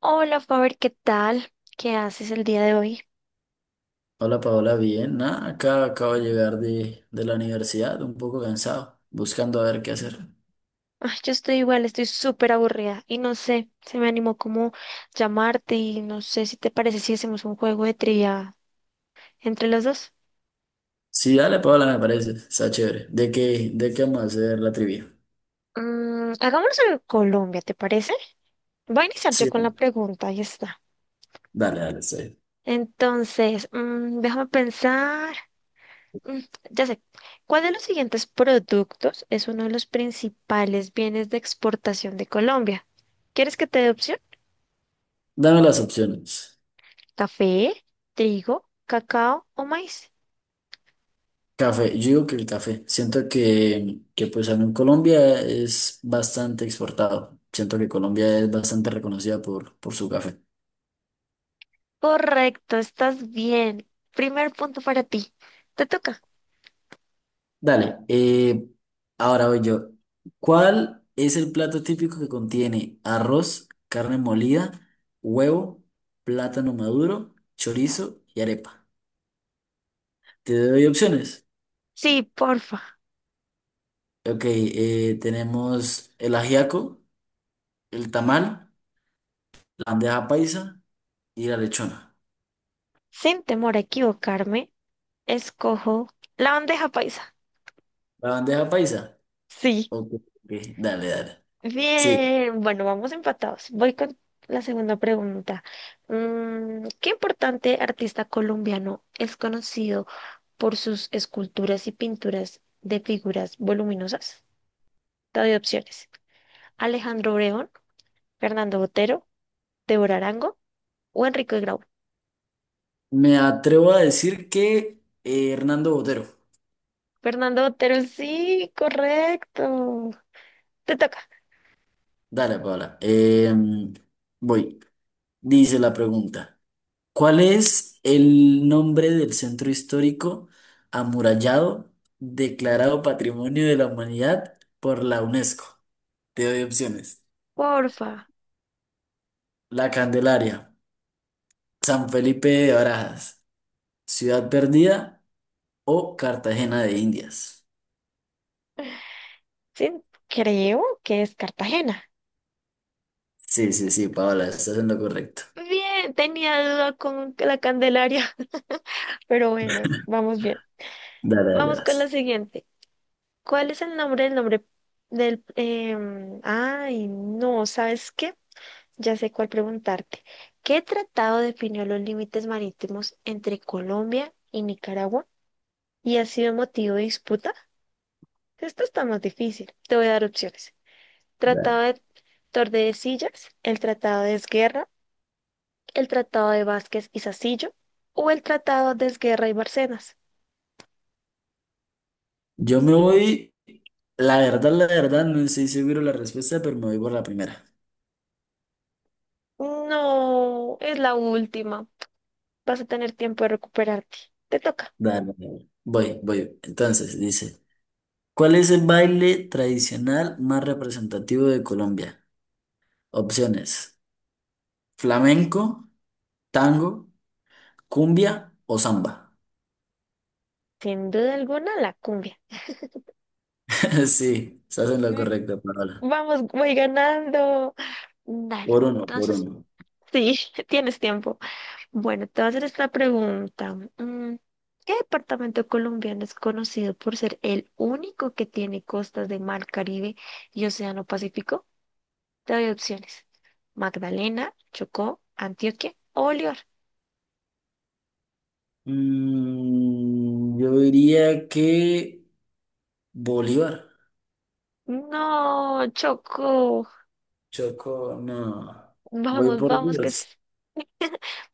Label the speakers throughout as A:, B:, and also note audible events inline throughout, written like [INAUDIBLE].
A: Hola, Faber, ¿qué tal? ¿Qué haces el día de hoy?
B: Hola Paola, bien. Nada, acá acabo de llegar de la universidad, un poco cansado, buscando a ver qué hacer.
A: Ay, yo estoy igual, estoy súper aburrida y no sé, se me animó como llamarte y no sé si te parece si hacemos un juego de trivia entre los dos.
B: Sí, dale Paola, me parece, está chévere. ¿De qué vamos a hacer la trivia?
A: Hagámoslo en Colombia, ¿te parece? Voy a iniciar yo
B: Sí,
A: con la pregunta, ahí está.
B: dale, dale, está.
A: Entonces, déjame pensar. Mm, ya sé, ¿cuál de los siguientes productos es uno de los principales bienes de exportación de Colombia? ¿Quieres que te dé opciones?
B: Dame las opciones.
A: ¿Café, trigo, cacao o maíz?
B: Café, yo digo que el café. Siento que pues en Colombia es bastante exportado. Siento que Colombia es bastante reconocida por su café.
A: Correcto, estás bien. Primer punto para ti. Te toca.
B: Dale, ahora voy yo. ¿Cuál es el plato típico que contiene arroz, carne molida, huevo, plátano maduro, chorizo y arepa? Te doy opciones.
A: Sí, porfa.
B: Ok, tenemos el ajiaco, el tamal, la bandeja paisa y la lechona.
A: Sin temor a equivocarme, escojo la bandeja paisa.
B: ¿La bandeja paisa?
A: Sí.
B: Ok, ok, dale, dale. Sí,
A: Bien. Bueno, vamos empatados. Voy con la segunda pregunta. ¿Qué importante artista colombiano es conocido por sus esculturas y pinturas de figuras voluminosas? Te doy opciones. Alejandro Obregón, Fernando Botero, Débora Arango o Enrique Grau.
B: me atrevo a decir que Hernando Botero.
A: Fernando Botero, sí, correcto. Te toca,
B: Dale, Paola. Voy. Dice la pregunta. ¿Cuál es el nombre del centro histórico amurallado declarado Patrimonio de la Humanidad por la UNESCO? Te doy opciones.
A: porfa.
B: La Candelaria, San Felipe de Barajas, Ciudad Perdida o Cartagena de Indias.
A: Sí, creo que es Cartagena.
B: Sí, sí, sí, Paola, estás en lo correcto.
A: Bien, tenía duda con la Candelaria, [LAUGHS] pero bueno, vamos bien.
B: Dale, dale,
A: Vamos con la
B: vas.
A: siguiente. ¿Cuál es el nombre del... em, ay, no, ¿sabes qué? Ya sé cuál preguntarte. ¿Qué tratado definió los límites marítimos entre Colombia y Nicaragua y ha sido motivo de disputa? Esto está más difícil. Te voy a dar opciones. Tratado
B: Dale.
A: de Tordesillas, el Tratado de Esguerra, el Tratado de Vázquez y Sacillo o el Tratado de Esguerra y Barcenas.
B: Yo me voy, la verdad, no estoy seguro la respuesta, pero me voy por la primera.
A: No, es la última. Vas a tener tiempo de recuperarte. Te toca.
B: Dale, dale. Voy, voy. Entonces, dice. ¿Cuál es el baile tradicional más representativo de Colombia? Opciones: flamenco, tango, cumbia o samba.
A: Sin duda alguna, la cumbia.
B: [LAUGHS] Sí, estás en lo
A: Mm.
B: correcto, Paola.
A: Vamos, voy ganando. Dale.
B: Por uno, por
A: Entonces,
B: uno.
A: sí, [LAUGHS] tienes tiempo. Bueno, te voy a hacer esta pregunta. ¿Qué departamento colombiano es conocido por ser el único que tiene costas de Mar Caribe y Océano Pacífico? Te doy opciones. Magdalena, Chocó, Antioquia o Bolívar.
B: Mm, yo diría que Bolívar.
A: No, Chocó.
B: Choco, no. Voy
A: Vamos,
B: por
A: vamos, que
B: Dios.
A: sí.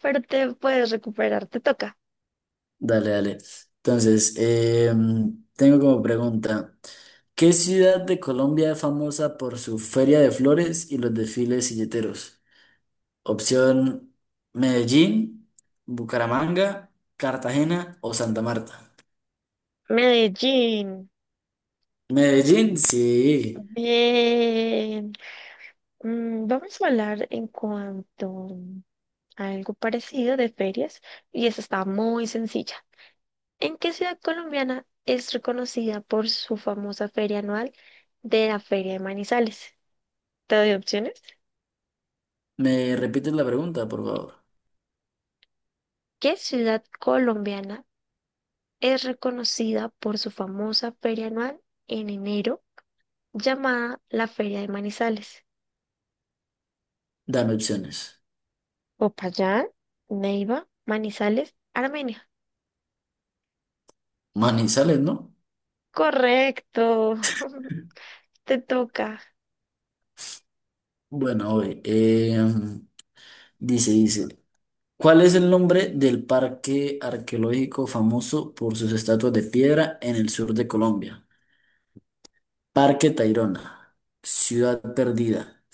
A: Pero te puedes recuperar, te toca.
B: Dale, dale. Entonces, tengo como pregunta. ¿Qué ciudad de Colombia es famosa por su feria de flores y los desfiles silleteros? Opción Medellín, Bucaramanga, Cartagena o Santa Marta.
A: Medellín.
B: Medellín, sí.
A: Bien. Vamos a hablar en cuanto algo parecido de ferias y esta está muy sencilla. ¿En qué ciudad colombiana es reconocida por su famosa feria anual de la Feria de Manizales? Te doy opciones.
B: ¿Me repites la pregunta, por favor?
A: ¿Qué ciudad colombiana es reconocida por su famosa feria anual en enero llamada la Feria de Manizales?
B: Dame opciones.
A: Popayán, Neiva, Manizales, Armenia.
B: Manizales, ¿no?
A: Correcto, [LAUGHS] te toca.
B: Bueno, oye, dice, ¿cuál es el nombre del parque arqueológico famoso por sus estatuas de piedra en el sur de Colombia? Parque Tayrona, Ciudad Perdida,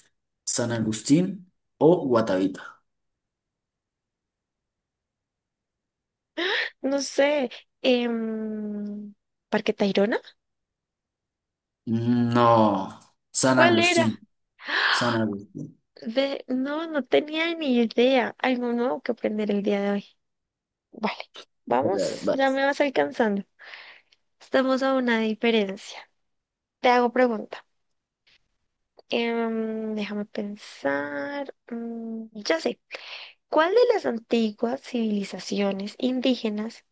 B: San Agustín o Guatavita.
A: No sé, em, Parque Tayrona.
B: No, San
A: ¿Cuál era?
B: Agustín. San Agustín,
A: De... No, no tenía ni idea. Algo nuevo que aprender el día de hoy. Vale,
B: vale,
A: vamos,
B: vale.
A: ya me vas alcanzando. Estamos a una diferencia. Te hago pregunta. Déjame pensar. Ya sé. ¿Cuál de las antiguas civilizaciones indígenas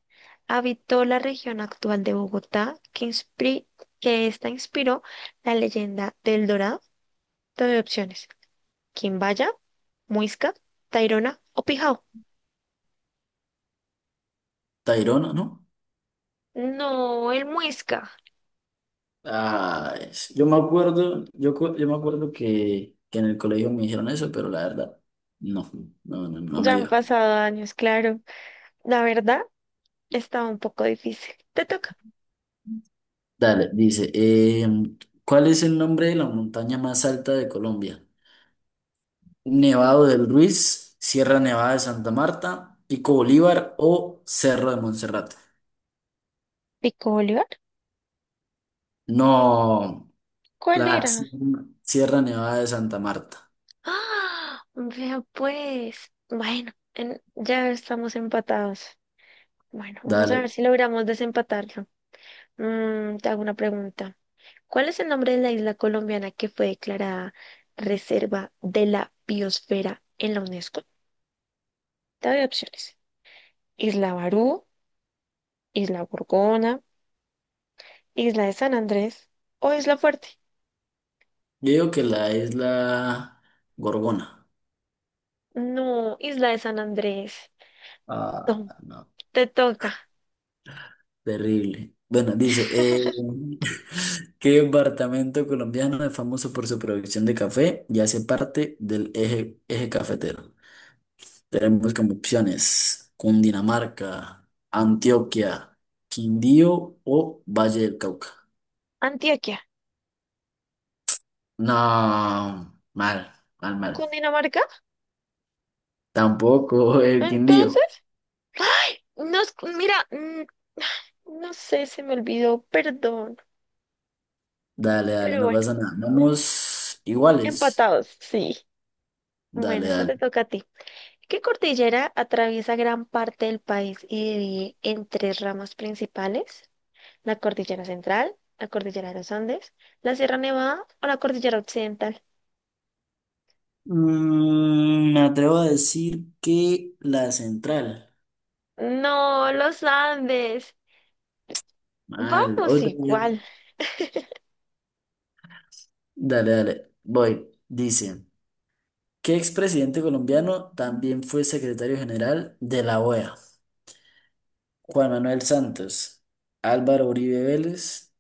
A: habitó la región actual de Bogotá que, que esta inspiró la leyenda del Dorado? Te doy opciones. Quimbaya, Muisca, Tairona o Pijao.
B: Tayrona, ¿no?
A: No, el Muisca.
B: Ah, yo me acuerdo, yo, yo me acuerdo que en el colegio me dijeron eso, pero la verdad, no, no
A: Ya
B: me
A: han
B: dio.
A: pasado años, claro. La verdad, estaba un poco difícil. Te toca.
B: Dale, dice, ¿cuál es el nombre de la montaña más alta de Colombia? Nevado del Ruiz, Sierra Nevada de Santa Marta, Pico Bolívar o Cerro de Monserrate.
A: ¿Pico Bolívar?
B: No,
A: ¿Cuál
B: la
A: era?
B: Sierra Nevada de Santa Marta.
A: ¡Ah! Vea pues. Bueno, ya estamos empatados. Bueno, vamos a ver
B: Dale,
A: si logramos desempatarlo. Te hago una pregunta. ¿Cuál es el nombre de la isla colombiana que fue declarada Reserva de la Biosfera en la UNESCO? Te doy opciones. Isla Barú, Isla Gorgona, Isla de San Andrés o Isla Fuerte.
B: yo digo que la isla Gorgona.
A: No, Isla de San Andrés. Tom,
B: Ah, no,
A: te toca.
B: terrible. Bueno, dice, [LAUGHS] ¿qué departamento colombiano es famoso por su producción de café y hace parte del eje cafetero? Tenemos como opciones Cundinamarca, Antioquia, Quindío o Valle del Cauca.
A: Antioquia,
B: No, mal, mal, mal.
A: Cundinamarca.
B: Tampoco el Quindío.
A: Entonces, no es, mira, no sé, se me olvidó, perdón.
B: Dale, dale,
A: Pero
B: no
A: bueno,
B: pasa nada. Vamos iguales.
A: empatados, sí. Bueno,
B: Dale,
A: esta
B: dale.
A: te toca a ti. ¿Qué cordillera atraviesa gran parte del país y divide en tres ramas principales? La cordillera central, la cordillera de los Andes, la Sierra Nevada o la cordillera occidental.
B: Mm, me atrevo a decir que la central.
A: No, los Andes.
B: Mal.
A: Vamos
B: Otra vez.
A: igual.
B: Dale, dale. Voy. Dice, ¿qué expresidente colombiano también fue secretario general de la OEA? Juan Manuel Santos, Álvaro Uribe Vélez,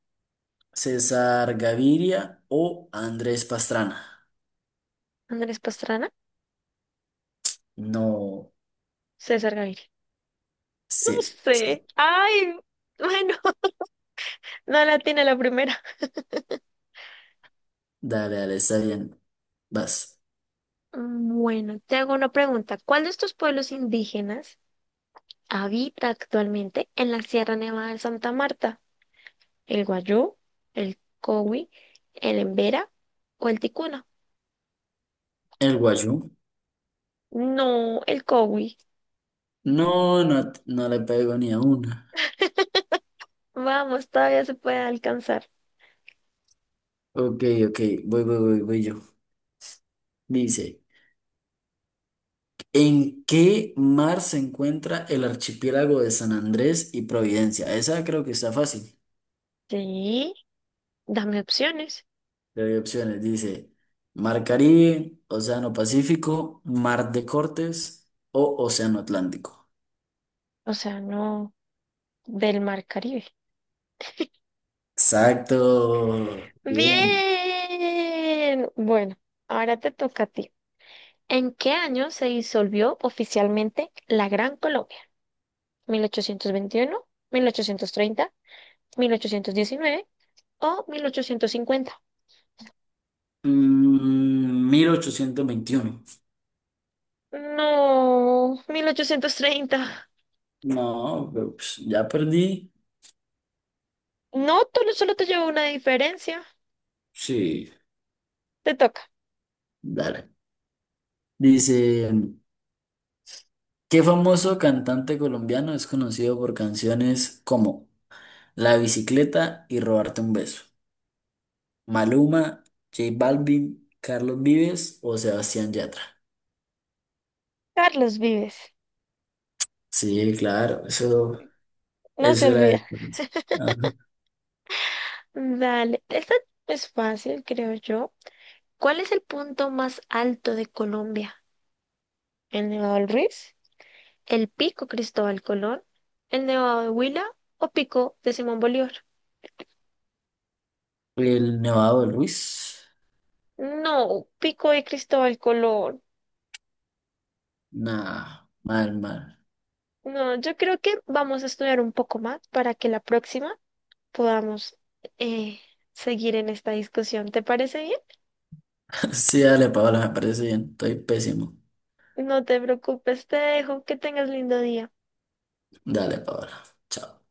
B: César Gaviria o Andrés Pastrana.
A: Andrés Pastrana,
B: No
A: César Gaviria. No
B: sé.
A: sé. Ay, bueno, [LAUGHS] no la tiene la primera.
B: Dale, dale, está bien. Vas.
A: Bueno, te hago una pregunta. ¿Cuál de estos pueblos indígenas habita actualmente en la Sierra Nevada de Santa Marta? ¿El Guayú, el Cowi, el Embera o el Ticuna?
B: El Guayú.
A: No, el Cowi.
B: No, no, no le pego ni a una.
A: Vamos, todavía se puede alcanzar.
B: Ok, ok, voy, voy, voy, voy yo. Dice, ¿en qué mar se encuentra el archipiélago de San Andrés y Providencia? Esa creo que está fácil.
A: Sí, dame opciones.
B: Te doy opciones. Dice, Mar Caribe, Océano Pacífico, Mar de Cortes o Océano Atlántico.
A: O sea, no del Mar Caribe.
B: Exacto. Bien.
A: Bien. Bueno, ahora te toca a ti. ¿En qué año se disolvió oficialmente la Gran Colombia? ¿Mil ochocientos veintiuno, 1830, 1819 o 1850?
B: Mm, 1821.
A: No, 1830.
B: No, pero, pues, ya perdí.
A: No, tú no- solo te llevo una diferencia.
B: Sí.
A: Te toca.
B: Dale. Dice, ¿qué famoso cantante colombiano es conocido por canciones como La bicicleta y Robarte un beso? Maluma, J Balvin, Carlos Vives o Sebastián Yatra.
A: Carlos Vives.
B: Sí, claro, eso,
A: No se
B: eso era
A: olvida.
B: de... Ajá.
A: Dale. Esta es fácil, creo yo. ¿Cuál es el punto más alto de Colombia? ¿El Nevado del Ruiz? ¿El pico Cristóbal Colón? ¿El Nevado de Huila o pico de Simón Bolívar?
B: El Nevado del Ruiz.
A: No, pico de Cristóbal Colón.
B: Nah, mal, mal.
A: No, yo creo que vamos a estudiar un poco más para que la próxima podamos eh, seguir en esta discusión. ¿Te parece bien?
B: [LAUGHS] Sí, dale, Paola, me parece bien. Estoy pésimo.
A: No te preocupes, te dejo. Que tengas lindo día.
B: Dale, Paola. Chao.